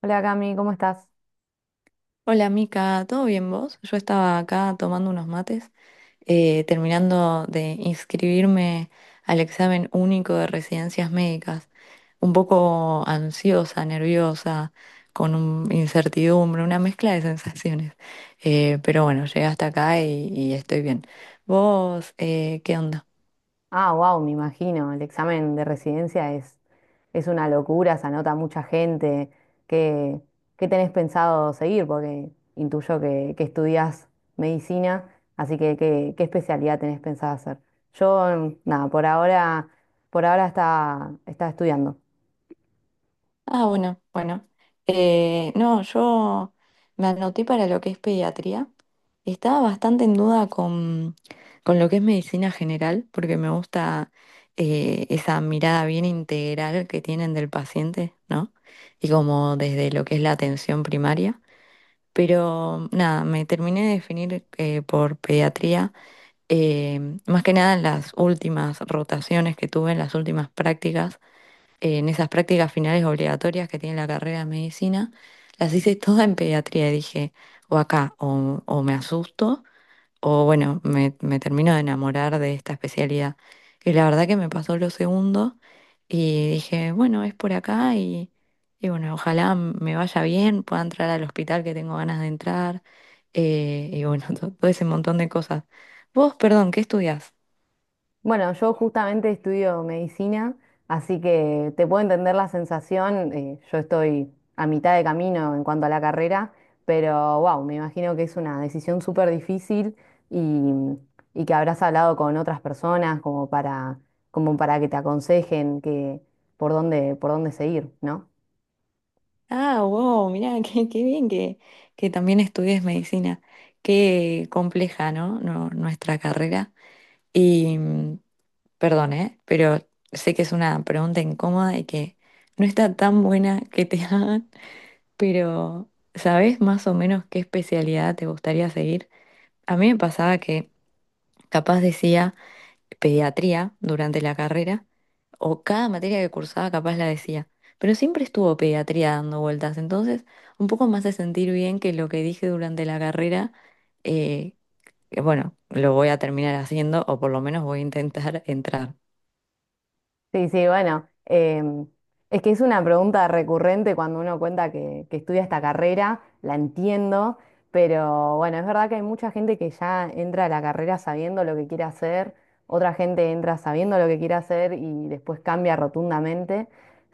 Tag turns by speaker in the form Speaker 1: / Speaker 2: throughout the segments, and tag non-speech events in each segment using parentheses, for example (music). Speaker 1: Hola Cami, ¿cómo estás?
Speaker 2: Hola Mica, ¿todo bien vos? Yo estaba acá tomando unos mates, terminando de inscribirme al examen único de residencias médicas, un poco ansiosa, nerviosa, con incertidumbre, una mezcla de sensaciones. Pero bueno, llegué hasta acá y estoy bien. ¿Vos, qué onda?
Speaker 1: Ah, wow, me imagino, el examen de residencia es una locura, se anota mucha gente. ¿Qué, qué tenés pensado seguir? Porque intuyo que estudias medicina, así que ¿ qué especialidad tenés pensado hacer? Yo, nada, por ahora, por ahora está estudiando.
Speaker 2: Ah, bueno, bueno. No, yo me anoté para lo que es pediatría. Estaba bastante en duda con lo que es medicina general, porque me gusta esa mirada bien integral que tienen del paciente, ¿no? Y como desde lo que es la atención primaria. Pero nada, me terminé de definir por pediatría, más que nada en las últimas rotaciones que tuve, en las últimas prácticas, en esas prácticas finales obligatorias que tiene la carrera de medicina, las hice todas en pediatría y dije, o acá, o me asusto o bueno, me termino de enamorar de esta especialidad. Y la verdad que me pasó lo segundo y dije, bueno, es por acá y bueno, ojalá me vaya bien, pueda entrar al hospital que tengo ganas de entrar y bueno, (laughs) todo ese montón de cosas. Vos, perdón, ¿qué estudias?
Speaker 1: Bueno, yo justamente estudio medicina, así que te puedo entender la sensación. Yo estoy a mitad de camino en cuanto a la carrera, pero wow, me imagino que es una decisión súper difícil y, y que habrás hablado con otras personas como como para que te aconsejen por por dónde seguir, ¿no?
Speaker 2: Ah, wow, mirá, (laughs) qué bien que también estudies medicina. Qué compleja, ¿no? No, nuestra carrera. Y, Perdón, ¿eh? Pero sé que es una pregunta incómoda y que no está tan buena que te (laughs) hagan, pero ¿sabés más o menos qué especialidad te gustaría seguir? A mí me pasaba que capaz decía pediatría durante la carrera, o cada materia que cursaba capaz la decía, pero siempre estuvo pediatría dando vueltas, entonces un poco más de sentir bien que lo que dije durante la carrera, eh, que bueno, lo voy a terminar haciendo o por lo menos voy a intentar (laughs) entrar.
Speaker 1: Sí, sí, bueno, es que es una pregunta recurrente cuando uno cuenta que estudia esta carrera, la entiendo, pero bueno, es verdad que hay mucha gente que ya entra a la carrera sabiendo lo que quiere hacer, otra gente entra sabiendo lo que quiere hacer y después cambia rotundamente.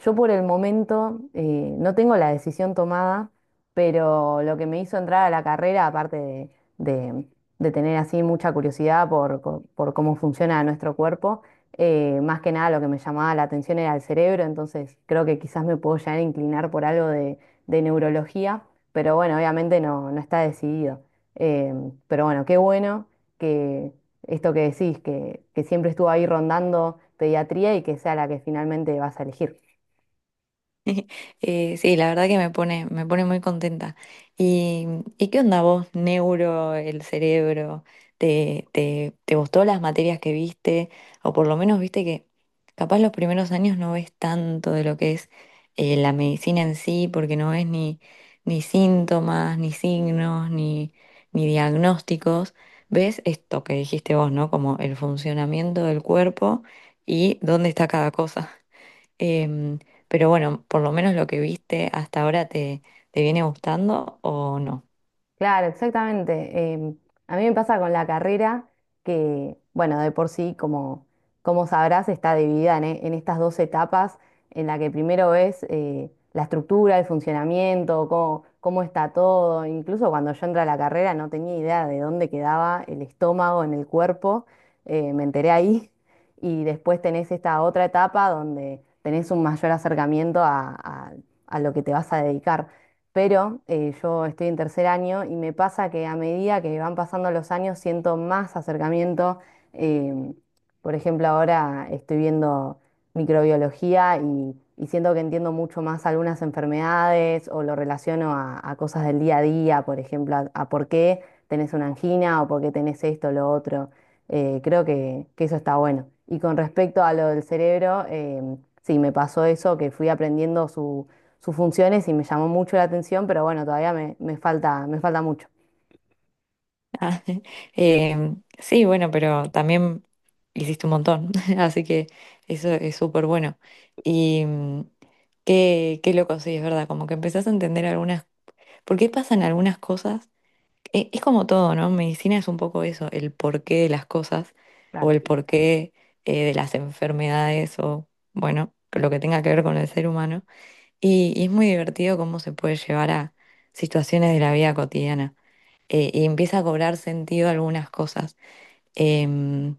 Speaker 1: Yo por el momento no tengo la decisión tomada, pero lo que me hizo entrar a la carrera, aparte de- de tener así mucha curiosidad por por cómo funciona nuestro cuerpo, más que nada lo que me llamaba la atención era el cerebro, entonces creo que quizás me puedo llegar a inclinar por algo de neurología, pero bueno, obviamente no, no está decidido. Eh, pero bueno, qué bueno que esto que decís, que siempre estuvo ahí rondando pediatría y que sea la que finalmente vas a elegir.
Speaker 2: (laughs) Sí, la verdad que me pone muy contenta. ¿Y, y qué onda vos, neuro, el cerebro? ¿Te gustó las materias que viste? O por lo menos viste que capaz los primeros años no ves tanto de lo que es la medicina en sí, porque no ves ni síntomas, ni signos, ni diagnósticos. Ves esto que dijiste vos, ¿no? Como el funcionamiento del cuerpo y dónde está cada cosa. Em, pero bueno, por lo menos lo que viste hasta ahora te viene gustando o no. (laughs)
Speaker 1: Claro, exactamente. A mí me pasa con la carrera que, bueno, de por sí, como sabrás, está dividida en, en estas dos etapas, en la que primero ves la estructura, el funcionamiento, cómo está todo. Incluso cuando yo entré a la carrera no tenía idea de dónde quedaba el estómago en el cuerpo, me enteré ahí. (laughs) Y después tenés esta otra etapa donde tenés un mayor acercamiento a a lo que te vas a dedicar. Pero yo estoy en tercer año y me pasa que a medida que van pasando los años siento más acercamiento. em, por ejemplo, ahora estoy viendo microbiología y siento que entiendo mucho más algunas enfermedades o lo relaciono a cosas del día a día, por ejemplo, a por qué tenés una angina o por qué tenés esto o lo otro. Creo que eso está bueno. Y con respecto a lo del cerebro, sí, me pasó eso, que fui aprendiendo su sus funciones y me llamó mucho la atención, pero bueno, todavía me me falta mucho.
Speaker 2: Ah, sí, bueno, pero también hiciste un montón, (laughs) así que eso es súper bueno. Y qué loco, sí, es verdad, como que empezás a entender algunas, por qué pasan algunas cosas. Es como todo, ¿no? Medicina es un poco eso, el porqué de las cosas o
Speaker 1: Claro.
Speaker 2: el porqué de las enfermedades o, bueno, lo que tenga que ver con el ser humano. Y es muy divertido cómo se puede llevar a situaciones de la vida cotidiana. Y empieza a cobrar sentido algunas cosas. Em,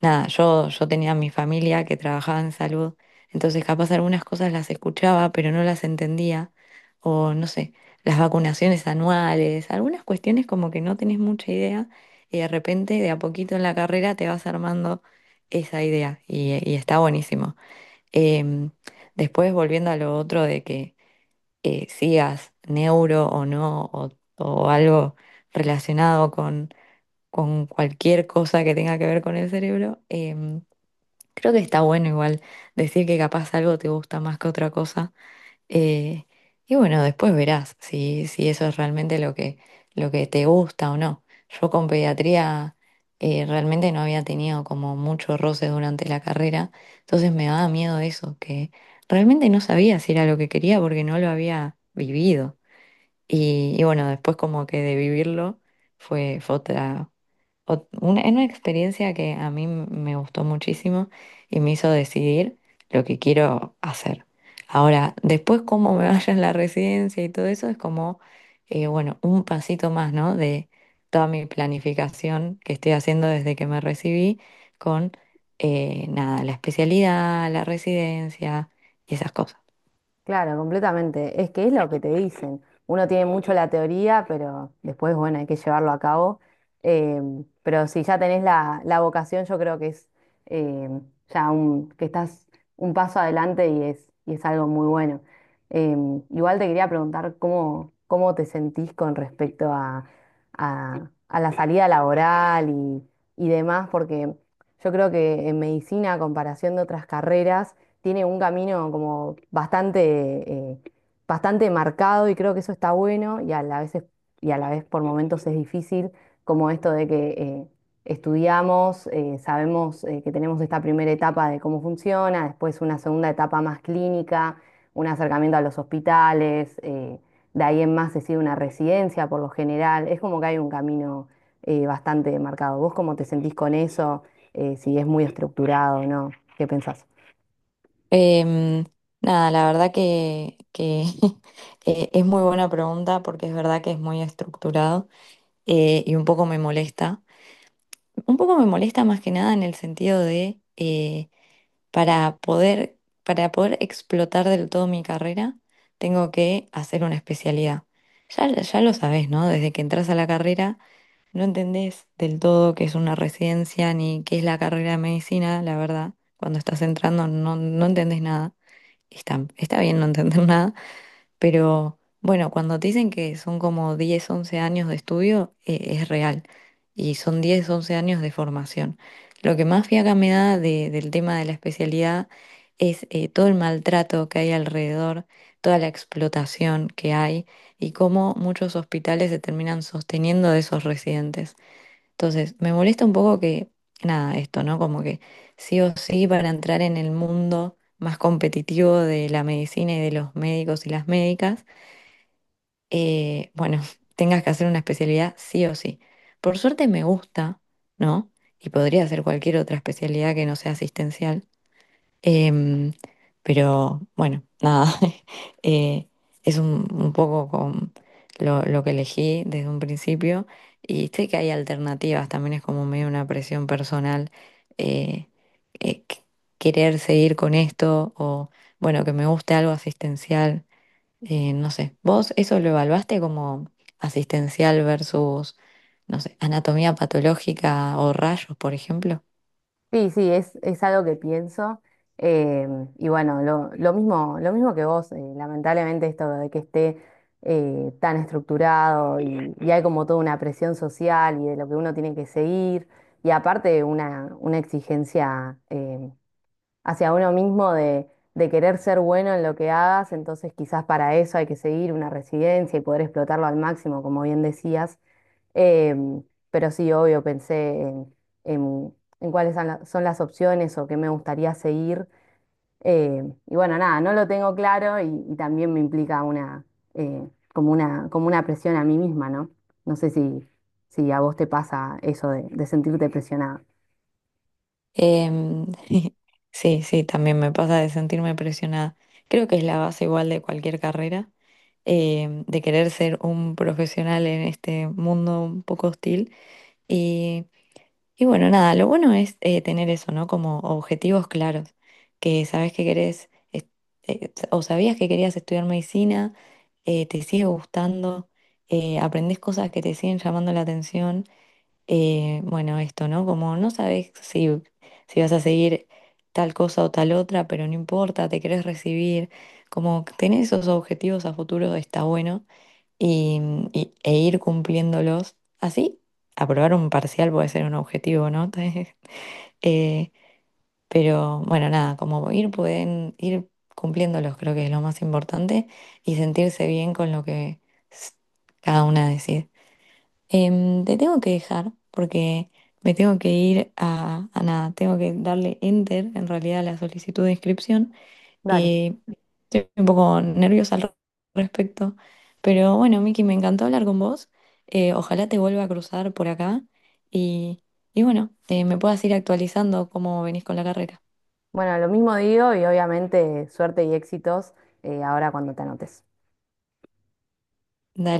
Speaker 2: nada, yo tenía mi familia que trabajaba en salud, entonces capaz algunas cosas las escuchaba, pero no las entendía. O no sé, las vacunaciones anuales, algunas cuestiones como que no tenés mucha idea y de repente de a poquito en la carrera te vas armando esa idea y está buenísimo. Em, después volviendo a lo otro de que sigas neuro o no, o algo relacionado con cualquier cosa que tenga que ver con el cerebro, em, creo que está bueno igual decir que capaz algo te gusta más que otra cosa. eh, y bueno, después verás si eso es realmente lo lo que te gusta o no. Yo con pediatría realmente no había tenido como mucho roce durante la carrera, entonces me daba miedo eso, que realmente no sabía si era lo que quería porque no lo había vivido. Y bueno, después como que de vivirlo fue una experiencia que a mí me gustó muchísimo y me hizo decidir lo que quiero hacer. Ahora, después cómo me (laughs) vaya en la residencia y todo eso es como, bueno, un pasito más, ¿no? De toda mi planificación que estoy haciendo desde que me recibí con, nada, la especialidad, la residencia y esas cosas.
Speaker 1: Claro, completamente. Es que es lo que te dicen. Uno tiene mucho la teoría, pero después, bueno, hay que llevarlo a cabo. Pero si ya tenés la vocación, yo creo que es em, ya un, que estás un paso adelante y y es algo muy bueno. Igual te quería preguntar cómo te sentís con respecto a la salida laboral y demás, porque yo creo que en medicina, a comparación de otras carreras, tiene un camino como eh, bastante marcado y creo que eso está bueno y a la vez, y a la vez por momentos es difícil, como esto de que estudiamos, sabemos que tenemos esta primera etapa de cómo funciona, después una segunda etapa más clínica, un acercamiento a los hospitales, de ahí en más se sigue una residencia por lo general, es como que hay un camino bastante marcado. ¿Vos cómo te sentís con eso? ¿Si es muy estructurado, no? ¿Qué pensás?
Speaker 2: Em, nada, la verdad que (laughs) es muy buena pregunta porque es verdad que es muy estructurado y un poco me molesta. Un poco me molesta más que nada en el sentido de para poder, para poder explotar del todo mi carrera, tengo que hacer una especialidad. Ya, ya lo sabes, ¿no? Desde que entras a la carrera no entendés del todo qué es una residencia ni qué es la carrera de medicina, la verdad. Cuando estás entrando no, no entendés nada. Está bien no entender (laughs) nada, pero bueno, cuando te dicen que son como 10 u 11 años de estudio, es real. Y son 10 u 11 años de formación. Lo que más fiaca me da del tema de la especialidad es todo el maltrato que hay alrededor, toda la explotación que hay y cómo muchos hospitales se terminan sosteniendo de esos residentes. Entonces, me molesta un poco que, nada, esto, ¿no? Como que sí o sí para entrar en el mundo más competitivo de la medicina y de los médicos y las médicas, bueno, (laughs) tengas que hacer una especialidad sí o sí. Por suerte me gusta, ¿no? Y podría hacer cualquier otra especialidad que no sea asistencial. Em, pero bueno, nada, (laughs) eh, es un poco con lo que elegí desde un principio y sé que hay alternativas, también es como medio una presión personal eh, eh, qu- querer seguir con esto o bueno, que me guste algo asistencial, no sé, ¿vos eso lo evaluaste como asistencial versus, no sé, anatomía patológica o rayos, por ejemplo?
Speaker 1: Sí, sí, es algo que pienso. eh, y bueno, lo mismo que vos, lamentablemente esto de que esté tan estructurado y hay como toda una presión social y de lo que uno tiene que seguir y aparte una exigencia, hacia uno mismo de querer ser bueno en lo que hagas, entonces quizás para eso hay que seguir una residencia y poder explotarlo al máximo, como bien decías. Em, pero sí, obvio, pensé en- en cuáles son, son las opciones o qué me gustaría seguir. Y bueno, nada, no lo tengo claro y también me implica eh, como una presión a mí misma, ¿no? No sé si a vos te pasa eso de sentirte presionada.
Speaker 2: Em, (laughs) sí, sí, también me pasa de sentirme presionada. Creo que es la base igual de cualquier carrera, de querer ser un profesional en este mundo un poco hostil. Y, y bueno, nada, lo bueno es tener eso, ¿no? Como objetivos claros, que sabes que querés, o sabías que querías estudiar medicina, te sigue gustando, aprendés cosas que te siguen llamando la atención bueno, esto, ¿no? Como no sabes si vas a seguir tal cosa o tal otra, pero no importa, te querés recibir, como que tener esos objetivos a futuro está bueno y, e ir cumpliéndolos. Así, aprobar un parcial puede ser un objetivo, ¿no? (laughs) Eh, pero bueno, nada, como ir, pueden ir cumpliéndolos, creo que es lo más importante y sentirse bien con lo que s- cada una decide. Te tengo que dejar porque me tengo que ir a nada, tengo que darle enter en realidad a la solicitud de inscripción
Speaker 1: Dale.
Speaker 2: y estoy un poco nerviosa al respecto. Pero bueno, Miki, me encantó hablar con vos. Ojalá te vuelva a cruzar por acá y, y bueno, me puedas ir actualizando cómo venís con la carrera.
Speaker 1: Bueno, lo mismo digo y obviamente suerte y éxitos ahora cuando te anotes.
Speaker 2: Dale.